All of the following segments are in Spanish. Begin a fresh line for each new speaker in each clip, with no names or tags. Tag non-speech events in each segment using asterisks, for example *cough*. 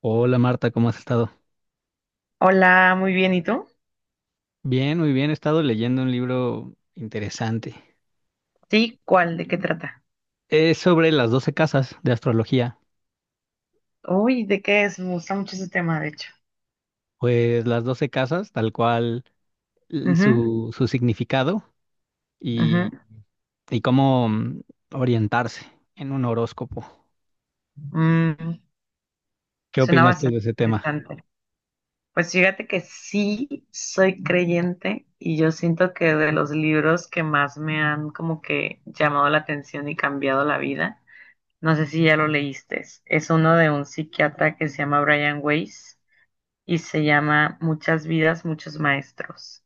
Hola Marta, ¿cómo has estado?
Hola, muy bien, ¿y tú?
Bien, muy bien. He estado leyendo un libro interesante.
Sí, ¿cuál? ¿De qué trata?
Es sobre las doce casas de astrología.
Uy, ¿de qué es? Me gusta mucho ese tema, de hecho.
Pues las doce casas, tal cual
Ujú,
su significado
ujú.
y, y cómo orientarse en un horóscopo.
Mm,
¿Qué
Suena
opinas tú de
bastante
ese tema?
interesante. Pues fíjate que sí soy creyente y yo siento que de los libros que más me han como que llamado la atención y cambiado la vida, no sé si ya lo leíste, es uno de un psiquiatra que se llama Brian Weiss y se llama Muchas vidas, muchos maestros.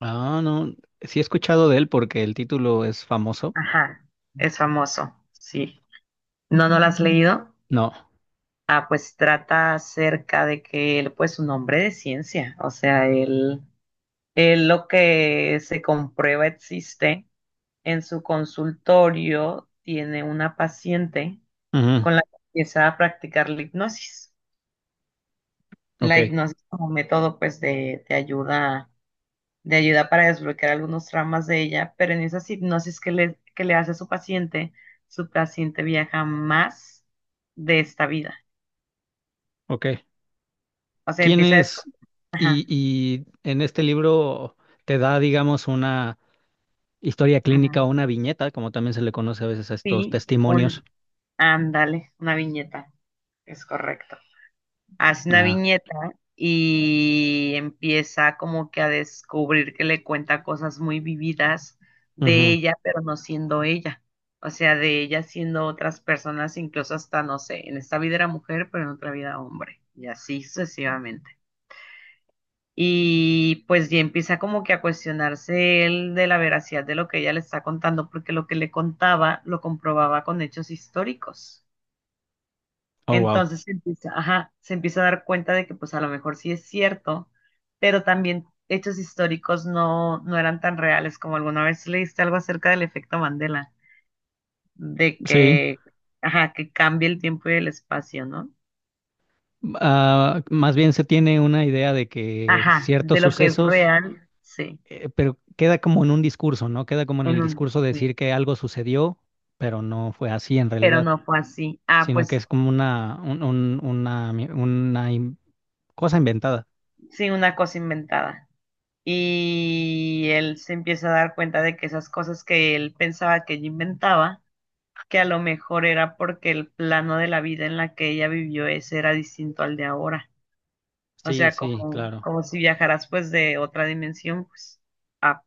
Ah, no. Sí he escuchado de él porque el título es famoso.
Ajá, es famoso, sí. No, no la has leído.
No.
Ah, pues trata acerca de que él, pues, un hombre de ciencia, o sea, él lo que se comprueba existe. En su consultorio tiene una paciente
Ujú,
con la que empieza a practicar la hipnosis.
ok,
La hipnosis como método, pues, de ayuda, de ayuda para desbloquear algunos traumas de ella, pero en esas hipnosis que le hace a su paciente viaja más de esta vida.
ok.
O sea,
¿Quién
empieza a
es?
descubrir.
Y en este libro te da, digamos, una historia clínica
Ujú.
o una viñeta, como también se le conoce a veces a estos
Sí,
testimonios.
un, ándale, una viñeta, es correcto. Hace una
Ah,
viñeta y empieza como que a descubrir que le cuenta cosas muy vividas de
ujú.
ella, pero no siendo ella. O sea, de ella siendo otras personas, incluso hasta, no sé, en esta vida era mujer, pero en otra vida hombre. Y así sucesivamente. Y pues ya empieza como que a cuestionarse él de la veracidad de lo que ella le está contando, porque lo que le contaba lo comprobaba con hechos históricos.
Oh, wow.
Entonces se empieza, ajá, se empieza a dar cuenta de que pues a lo mejor sí es cierto, pero también hechos históricos no eran tan reales como alguna vez leíste algo acerca del efecto Mandela, de
Sí.
que, ajá, que cambia el tiempo y el espacio, ¿no?
Ah, más bien se tiene una idea de que
Ajá, de
ciertos
lo que es
sucesos,
real, sí,
pero queda como en un discurso, ¿no? Queda como en
en
el
un,
discurso de
sí,
decir que algo sucedió, pero no fue así en
pero
realidad,
no fue así. Ah,
sino que
pues
es como una, un- una, mi- una in- cosa inventada.
sí, una cosa inventada. Y él se empieza a dar cuenta de que esas cosas que él pensaba que ella inventaba, que a lo mejor era porque el plano de la vida en la que ella vivió ese era distinto al de ahora. O
Sí,
sea,
sí,
como,
claro.
como si viajaras pues de otra dimensión, pues. Ah.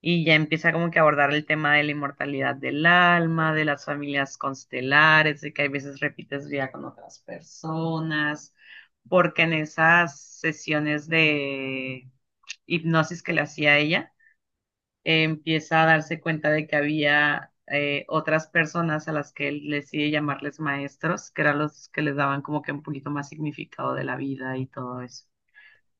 Y ya empieza como que a abordar el tema de la inmortalidad del alma, de las familias constelares, de que hay veces repites vida con otras personas, porque en esas sesiones de hipnosis que le hacía a ella, empieza a darse cuenta de que había otras personas a las que él decide llamarles maestros, que eran los que les daban como que un poquito más significado de la vida y todo eso.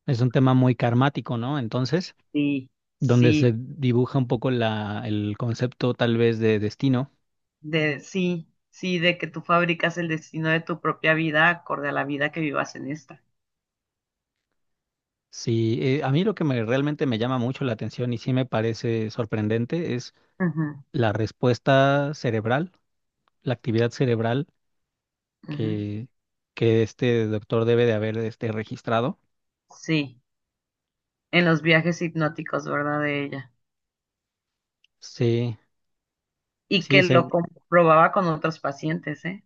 Es un tema muy karmático, ¿no? Entonces
Sí,
donde
sí,
se dibuja un poco el concepto tal vez de destino.
de sí, sí, de que tú fabricas el destino de tu propia vida acorde a la vida que vivas en esta.
Sí, a mí lo que me, realmente me llama mucho la atención y sí me parece sorprendente es
Ujú,
la respuesta cerebral, la actividad cerebral
ujú.
que, que este doctor debe de haber registrado.
Sí, en los viajes hipnóticos, ¿verdad? De ella.
Sí,
Y
sí,
que lo comprobaba con otros pacientes, ¿eh?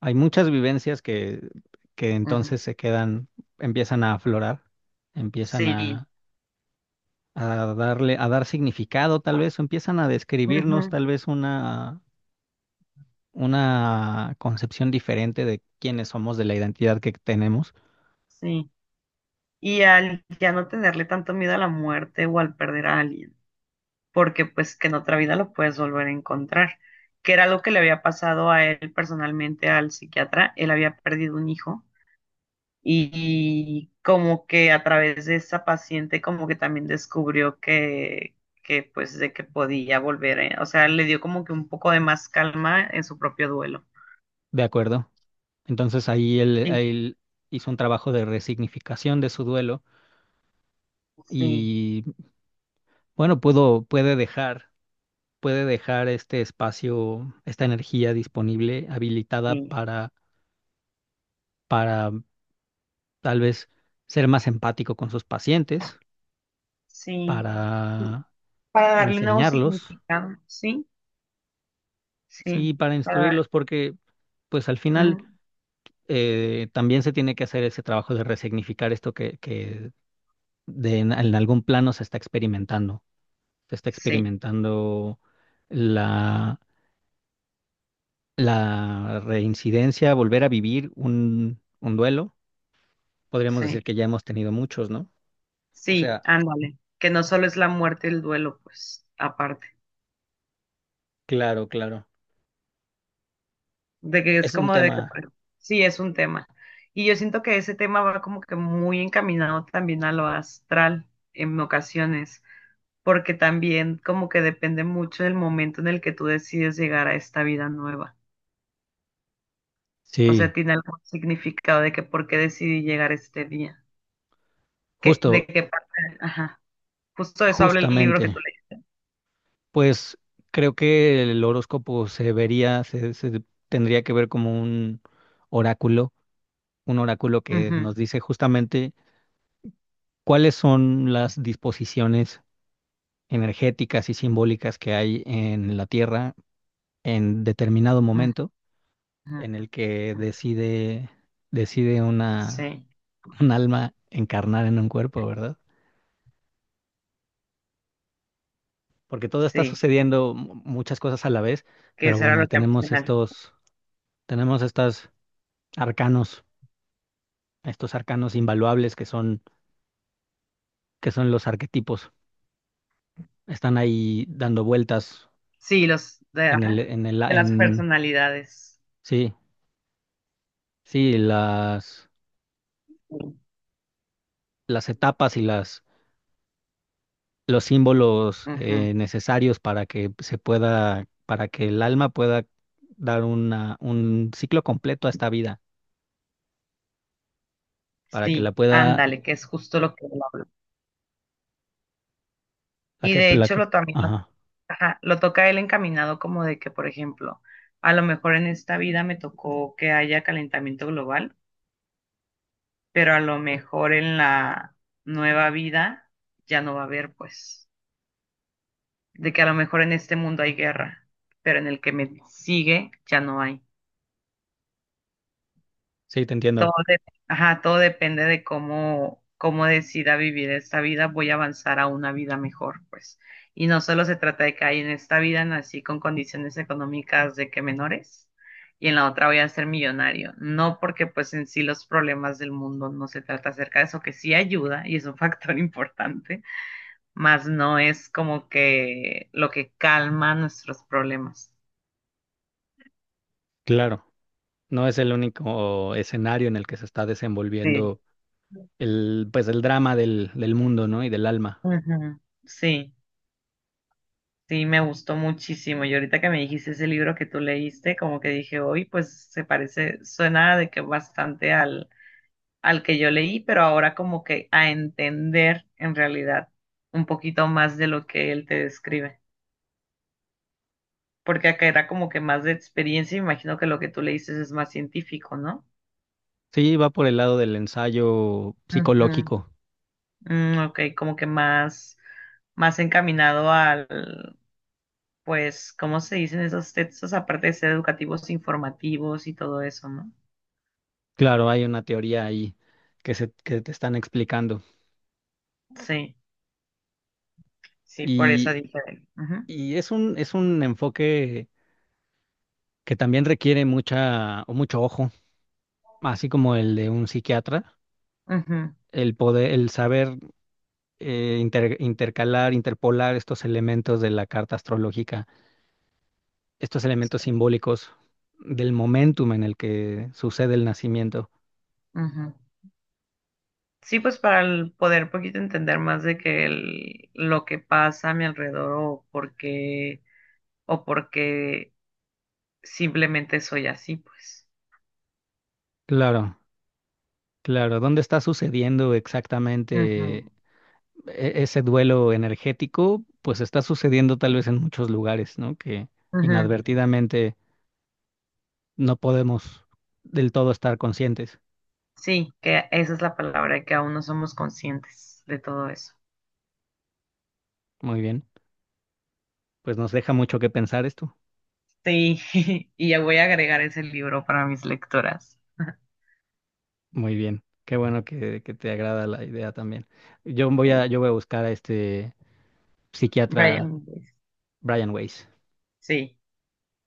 hay muchas vivencias que
Ujú.
entonces se quedan, empiezan a aflorar, empiezan
Sí,
a, a a dar significado tal vez, o empiezan a describirnos
ujú,
tal vez una concepción diferente de quiénes somos, de la identidad que tenemos,
sí. Y al ya no tenerle tanto miedo a la muerte o al perder a alguien, porque pues que en otra vida lo puedes volver a encontrar, que era lo que le había pasado a él personalmente al psiquiatra, él había perdido un hijo y como que a través de esa paciente como que también descubrió que pues de que podía volver, ¿eh? O sea, le dio como que un poco de más calma en su propio duelo.
¿de acuerdo? Entonces ahí
Sí,
él hizo un trabajo de resignificación de su duelo
sí,
y bueno, puede puede dejar este espacio, esta energía disponible, habilitada
sí,
para tal vez ser más empático con sus pacientes,
sí.
para
Para darle un nuevo
enseñarlos,
significado, sí, sí.
sí, para instruirlos, porque pues al final
Mm,
también se tiene que hacer ese trabajo de resignificar esto que de en algún plano se está experimentando. Se está
sí,
experimentando la, la reincidencia, volver a vivir un duelo. Podríamos decir
sí,
que ya hemos tenido muchos, ¿no? O
sí,
sea,
ándale. Que no solo es la muerte y el duelo, pues, aparte.
claro, claro.
De que es
Es un
como de que,
tema.
bueno, sí, es un tema. Y yo siento que ese tema va como que muy encaminado también a lo astral en ocasiones, porque también como que depende mucho del momento en el que tú decides llegar a esta vida nueva. O sea,
Sí,
tiene algún significado de que por qué decidí llegar este día. Que, de
justo,
qué parte, ajá. Justo de eso habla el libro
justamente.
que tú lees.
Pues creo que el horóscopo se tendría que ver como un oráculo, un oráculo que nos dice justamente cuáles son las disposiciones energéticas y simbólicas que hay en la Tierra en determinado
Ujú,
momento en
ajá.
el que decide
Sí,
un alma encarnar en un cuerpo, ¿verdad? Porque todo está
sí,
sucediendo, muchas cosas a la vez,
que
pero
será
bueno,
lo que han mencionado.
tenemos arcanos, estos arcanos invaluables que son los arquetipos. Están ahí dando vueltas
Sí, los de,
en el,
ajá,
en el,
de las
en
personalidades.
sí, sí,
Sí,
las etapas y los símbolos
ujú,
necesarios para que se pueda, para que el alma pueda dar un ciclo completo a esta vida, para que la
sí,
pueda,
ándale, que es justo lo que él habla.
la
Y
que,
de
la
hecho
que,
lo también lo,
ajá,
ajá, lo toca él encaminado como de que, por ejemplo, a lo mejor en esta vida me tocó que haya calentamiento global, pero a lo mejor en la nueva vida ya no va a haber, pues, de que a lo mejor en este mundo hay guerra, pero en el que me sigue ya no hay.
sí, te
Todo,
entiendo,
de- ajá, todo depende de cómo, cómo decida vivir esta vida. Voy a avanzar a una vida mejor, pues. Y no solo se trata de que hay en esta vida nací con condiciones económicas de que menores y en la otra voy a ser millonario. No porque pues en sí los problemas del mundo no se trata acerca de eso, que sí ayuda y es un factor *laughs* importante, más no es como que lo que calma nuestros problemas.
claro, no es el único escenario en el que se está
Sí.
desenvolviendo el, pues el drama del mundo, ¿no? Y del alma.
Ujú, sí. Sí, me gustó muchísimo. Y ahorita que me dijiste ese libro que tú leíste, como que dije, hoy pues se parece, suena de que bastante al, al que yo leí, pero ahora como que a entender en realidad un poquito más de lo que él te describe. Porque acá era como que más de experiencia, y me imagino que lo que tú leíste es más científico, ¿no?
Sí, va por el lado del ensayo
Ujú.
psicológico.
Ok, como que más, más encaminado al, pues, ¿cómo se dicen esos textos? Aparte de ser educativos, informativos y todo eso, ¿no?
Claro, hay una teoría ahí que te están explicando.
Sí, sí, por eso
Y,
dije. Ujú,
y es es un enfoque que también requiere mucha, o mucho ojo, así como el de un psiquiatra,
ujú,
el saber intercalar, interpolar estos elementos de la carta astrológica, estos elementos simbólicos del momentum en el que sucede el nacimiento.
ujú. Sí, pues para el poder poquito entender más de que el- lo que pasa a mi alrededor o por qué simplemente soy así, pues.
Claro, claro. ¿Dónde está sucediendo
Ujú,
exactamente ese duelo energético? Pues está sucediendo
sí,
tal vez en muchos lugares, ¿no? Que
ujú.
inadvertidamente no podemos del todo estar conscientes.
Sí, que esa es la palabra, que aún no somos conscientes de todo eso.
Muy bien, pues nos deja mucho que pensar esto.
Sí, *laughs* y ya voy a agregar ese libro para mis lectoras.
Muy bien, qué bueno que te agrada la idea también.
Sí,
Yo voy a buscar a este psiquiatra
Brian Weiss.
Brian Weiss.
Sí,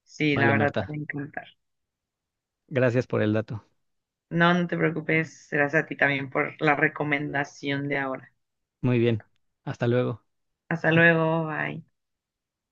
sí, la
Vale,
verdad te va
Marta,
a encantar.
gracias por el dato.
No, no te preocupes, gracias a ti también por la recomendación de ahora.
Muy bien, hasta luego.
Hasta luego, bye.